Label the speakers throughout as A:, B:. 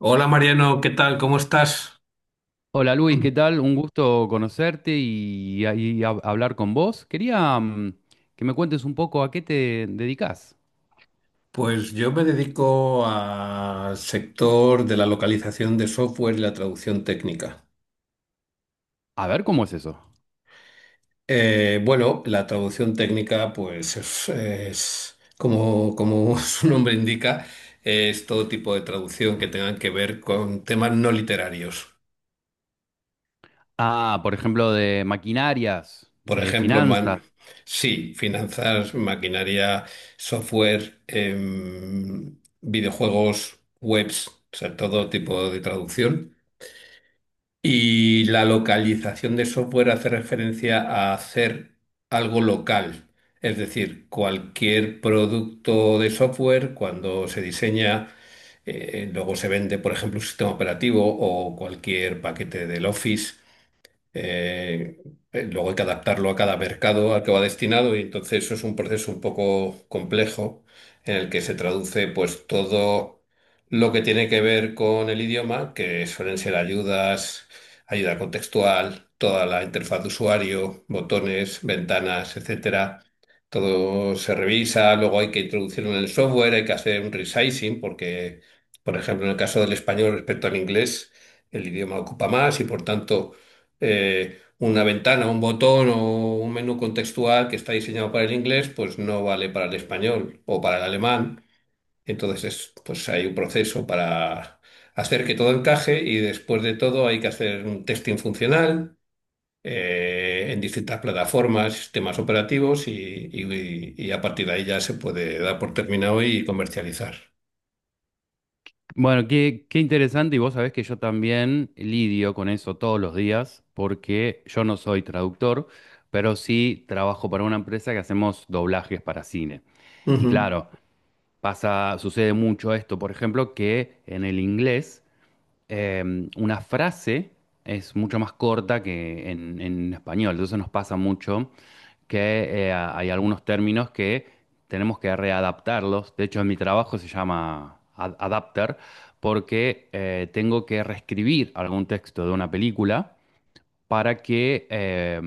A: Hola Mariano, ¿qué tal? ¿Cómo estás?
B: Hola Luis, ¿qué tal? Un gusto conocerte y hablar con vos. Quería que me cuentes un poco a qué te dedicas.
A: Pues yo me dedico al sector de la localización de software y la traducción técnica.
B: A ver, ¿cómo es eso?
A: Bueno, la traducción técnica, pues es como, como su nombre indica, es todo tipo de traducción que tengan que ver con temas no literarios.
B: Ah, por ejemplo, de maquinarias,
A: Por ejemplo,
B: finanzas.
A: sí, finanzas, maquinaria, software, videojuegos, webs, o sea, todo tipo de traducción. Y la localización de software hace referencia a hacer algo local. Es decir, cualquier producto de software, cuando se diseña, luego se vende, por ejemplo, un sistema operativo o cualquier paquete del Office, eh, luego hay que adaptarlo a cada mercado al que va destinado, y entonces eso es un proceso un poco complejo en el que se traduce pues todo lo que tiene que ver con el idioma, que suelen ser ayudas, ayuda contextual, toda la interfaz de usuario, botones, ventanas, etcétera. Todo se revisa, luego hay que introducirlo en el software, hay que hacer un resizing porque, por ejemplo, en el caso del español respecto al inglés, el idioma ocupa más y por tanto una ventana, un botón o un menú contextual que está diseñado para el inglés, pues no vale para el español o para el alemán. Entonces, pues hay un proceso para hacer que todo encaje, y después de todo hay que hacer un testing funcional en distintas plataformas, sistemas operativos y a partir de ahí ya se puede dar por terminado y comercializar.
B: Bueno, qué interesante y vos sabés que yo también lidio con eso todos los días porque yo no soy traductor, pero sí trabajo para una empresa que hacemos doblajes para cine. Y
A: Ujú.
B: claro, sucede mucho esto, por ejemplo, que en el inglés una frase es mucho más corta que en español. Entonces nos pasa mucho que hay algunos términos que tenemos que readaptarlos. De hecho, en mi trabajo se llama adapter porque tengo que reescribir algún texto de una película para que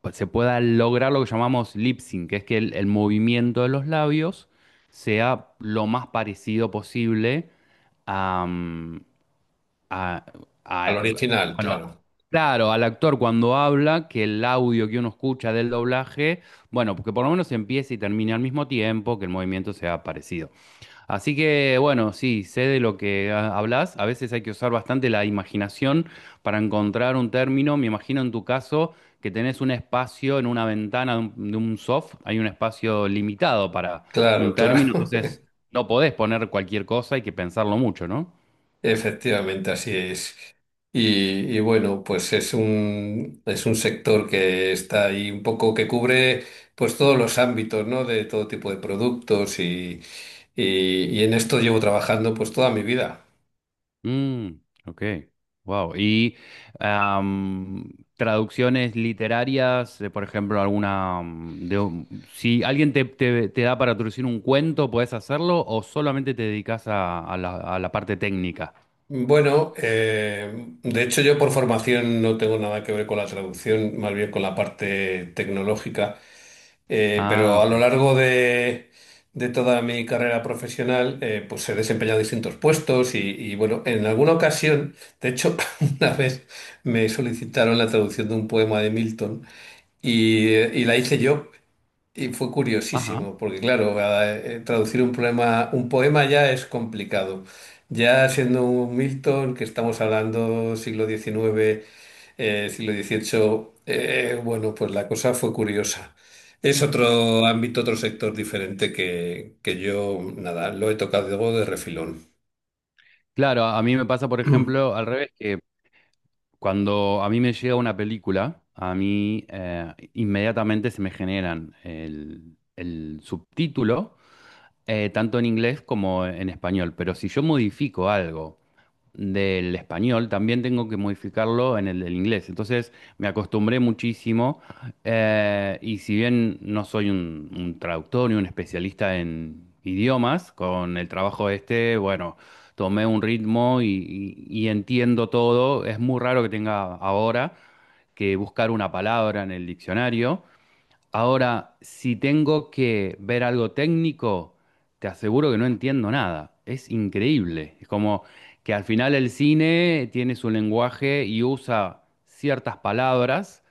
B: pues se pueda lograr lo que llamamos lip sync, que es que el movimiento de los labios sea lo más parecido posible a-
A: Al
B: a-
A: original,
B: bueno,
A: claro.
B: claro, al actor cuando habla, que el audio que uno escucha del doblaje, bueno, porque por lo menos empieza y termina al mismo tiempo, que el movimiento sea parecido. Así que, bueno, sí, sé de lo que hablas. A veces hay que usar bastante la imaginación para encontrar un término. Me imagino en tu caso que tenés un espacio en una ventana de de un soft, hay un espacio limitado para un
A: Claro, claro.
B: término, entonces no podés poner cualquier cosa, hay que pensarlo mucho, ¿no?
A: Efectivamente, así es. Y, y bueno, pues es un sector que está ahí un poco que cubre pues todos los ámbitos, ¿no? De todo tipo de productos y en esto llevo trabajando pues toda mi vida.
B: Mm, ok, wow. ¿Y am, traducciones literarias, de, por ejemplo, alguna de si alguien te da para traducir un cuento, puedes hacerlo o solamente te dedicas a, a la parte técnica?
A: Bueno, de hecho yo por formación no tengo nada que ver con la traducción, más bien con la parte tecnológica.
B: Ah,
A: Pero a
B: ok.
A: lo largo de toda mi carrera profesional pues he desempeñado distintos puestos bueno, en alguna ocasión, de hecho una vez me solicitaron la traducción de un poema de Milton y la hice yo. Y fue
B: Ajá.
A: curiosísimo, porque claro, traducir un poema ya es complicado. Ya siendo un Milton, que estamos hablando siglo XIX siglo XVIII, bueno, pues la cosa fue curiosa. Es otro ámbito, otro sector diferente que yo, nada, lo he tocado de refilón.
B: Claro, a mí me pasa, por ejemplo, al revés, que cuando a mí me llega una película, a mí inmediatamente se me generan el subtítulo, tanto en inglés como en español. Pero si yo modifico algo del español, también tengo que modificarlo en el del inglés. Entonces me acostumbré muchísimo, y si bien no soy un traductor ni un especialista en idiomas, con el trabajo este, bueno, tomé un ritmo y y entiendo todo. Es muy raro que tenga ahora que buscar una palabra en el diccionario. Ahora, si tengo que ver algo técnico, te aseguro que no entiendo nada. Es increíble. Es como que al final el cine tiene su lenguaje y usa ciertas palabras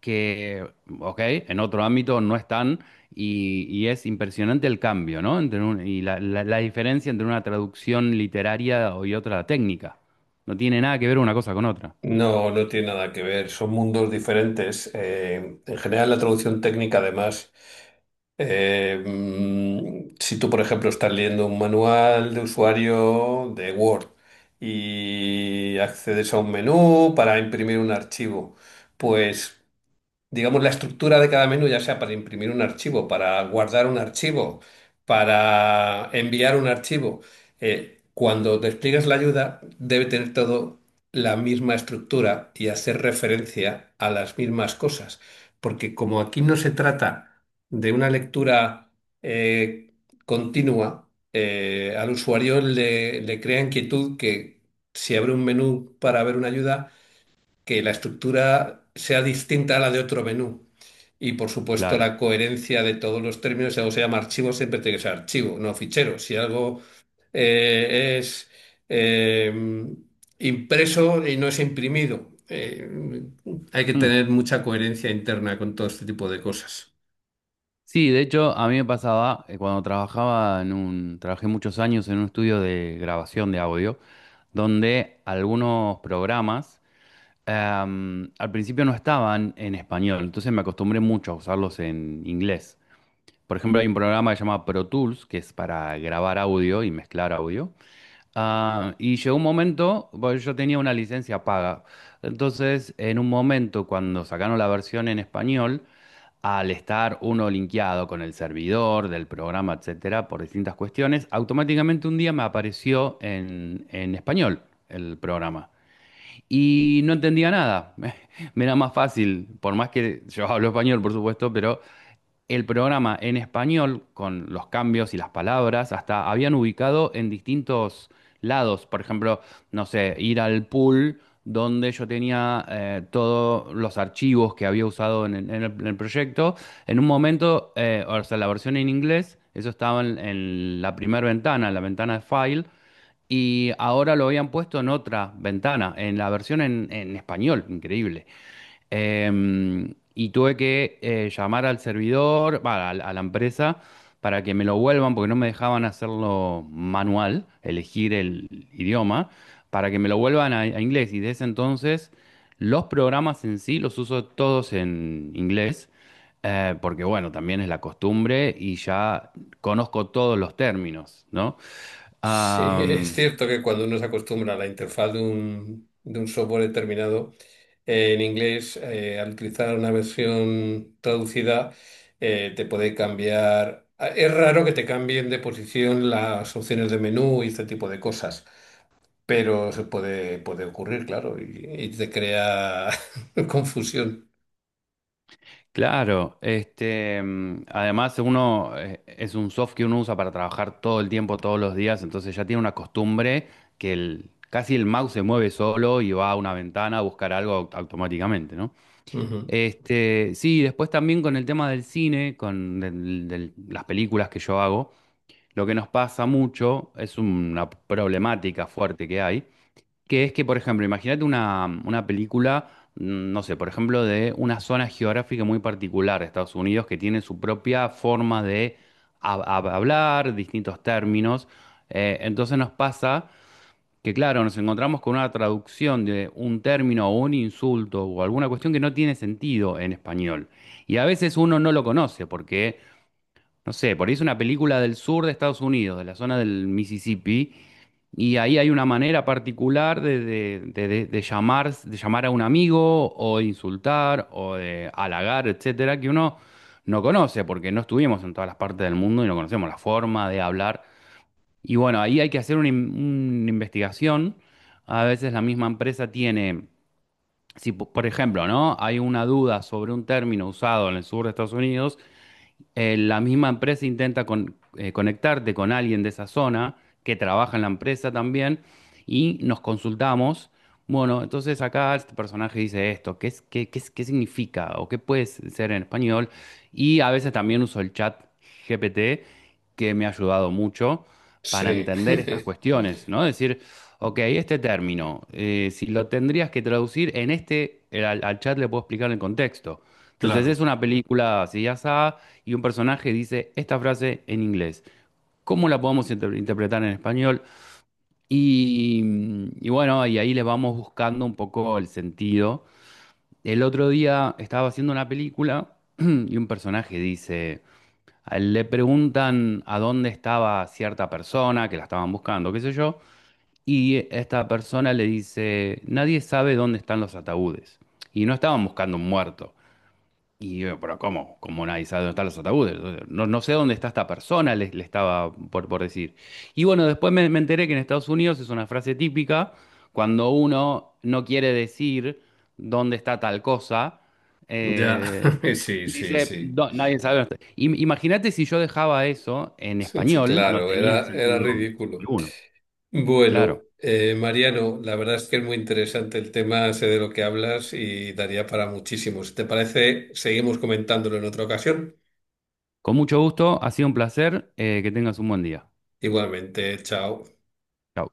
B: que, ok, en otro ámbito no están y es impresionante el cambio, ¿no? Entre la, la diferencia entre una traducción literaria y otra técnica. No tiene nada que ver una cosa con otra.
A: No, no tiene nada que ver, son mundos diferentes. En general, la traducción técnica, además. Si tú, por ejemplo, estás leyendo un manual de usuario de Word y accedes a un menú para imprimir un archivo, pues digamos, la estructura de cada menú, ya sea para imprimir un archivo, para guardar un archivo, para enviar un archivo, cuando despliegues la ayuda, debe tener todo la misma estructura y hacer referencia a las mismas cosas. Porque como aquí no se trata de una lectura eh, continua, al usuario le crea inquietud que si abre un menú para ver una ayuda, que la estructura sea distinta a la de otro menú. Y por supuesto
B: Claro.
A: la coherencia de todos los términos: si algo se llama archivo, siempre tiene que ser archivo, no fichero. Si algo es eh, impreso y no es imprimido, hay que tener mucha coherencia interna con todo este tipo de cosas.
B: Sí, de hecho, a mí me pasaba cuando trabajaba en trabajé muchos años en un estudio de grabación de audio, donde algunos programas al principio no estaban en español, entonces me acostumbré mucho a usarlos en inglés. Por ejemplo, hay un programa que se llama Pro Tools, que es para grabar audio y mezclar audio. Ah, y llegó un momento, bueno, yo tenía una licencia paga, entonces en un momento cuando sacaron la versión en español, al estar uno linkeado con el servidor del programa, etcétera, por distintas cuestiones, automáticamente un día me apareció en español el programa. Y no entendía nada. Me era más fácil, por más que yo hablo español, por supuesto, pero el programa en español, con los cambios y las palabras, hasta habían ubicado en distintos lados. Por ejemplo, no sé, ir al pool donde yo tenía todos los archivos que había usado en, en el proyecto. En un momento, o sea, la versión en inglés, eso estaba en la primera ventana, en la ventana de file. Y ahora lo habían puesto en otra ventana, en la versión en español, increíble. Y tuve que llamar al servidor, va, a la empresa, para que me lo vuelvan, porque no me dejaban hacerlo manual, elegir el idioma, para que me lo vuelvan a inglés. Y desde entonces los programas en sí los uso todos en inglés. Porque bueno, también es la costumbre y ya conozco todos los términos, ¿no?
A: Sí, es
B: Am,
A: cierto que cuando uno se acostumbra a la interfaz de un software determinado, en inglés, al utilizar una versión traducida, te puede cambiar. Es raro que te cambien de posición las opciones de menú y este tipo de cosas, pero puede ocurrir, claro, y te crea confusión.
B: Claro, este, además uno es un soft que uno usa para trabajar todo el tiempo, todos los días, entonces ya tiene una costumbre que casi el mouse se mueve solo y va a una ventana a buscar algo automáticamente, ¿no?
A: Ujú.
B: Este, sí, después también con el tema del cine, con las películas que yo hago, lo que nos pasa mucho es una problemática fuerte que hay que es que, por ejemplo, imagínate una película, no sé, por ejemplo, de una zona geográfica muy particular de Estados Unidos que tiene su propia forma de hablar, distintos términos. Entonces nos pasa que, claro, nos encontramos con una traducción de un término o un insulto o alguna cuestión que no tiene sentido en español. Y a veces uno no lo conoce porque, no sé, por ahí es una película del sur de Estados Unidos, de la zona del Mississippi y ahí hay una manera particular de, de llamar a un amigo o de insultar o de halagar, etcétera, que uno no conoce porque no estuvimos en todas las partes del mundo y no conocemos la forma de hablar. Y bueno, ahí hay que hacer una investigación. A veces la misma empresa tiene, si por ejemplo, ¿no? Hay una duda sobre un término usado en el sur de Estados Unidos, la misma empresa intenta conectarte con alguien de esa zona que trabaja en la empresa también y nos consultamos. Bueno, entonces acá este personaje dice esto, ¿qué es, qué qué significa o qué puede ser en español? Y a veces también uso el chat GPT, que me ha ayudado mucho para
A: Sí,
B: entender estas cuestiones, ¿no? Decir, ok, este término, si lo tendrías que traducir en este, al chat le puedo explicar el contexto. Entonces es
A: claro,
B: una película así ya y un personaje dice esta frase en inglés. ¿Cómo la podemos interpretar en español? Y bueno, y ahí le vamos buscando un poco el sentido. El otro día estaba haciendo una película y un personaje dice, a él le preguntan a dónde estaba cierta persona, que la estaban buscando, qué sé yo, y esta persona le dice, nadie sabe dónde están los ataúdes. Y no estaban buscando un muerto, y yo, pero ¿cómo? ¿Cómo nadie sabe dónde están los ataúdes? No, no sé dónde está esta persona, le estaba por decir. Y bueno, después me enteré que en Estados Unidos es una frase típica cuando uno no quiere decir dónde está tal cosa.
A: ya,
B: eh,
A: sí, sí,
B: Dice,
A: sí.
B: "No, nadie sabe dónde está". Imagínate si yo dejaba eso en español, no
A: Claro,
B: tenía
A: era, era
B: sentido
A: ridículo.
B: alguno.
A: Bueno,
B: Claro.
A: Mariano, la verdad es que es muy interesante el tema, sé de lo que hablas y daría para muchísimo. Si te parece, seguimos comentándolo en otra ocasión.
B: Con mucho gusto, ha sido un placer, que tengas un buen día.
A: Igualmente, chao.
B: Chao.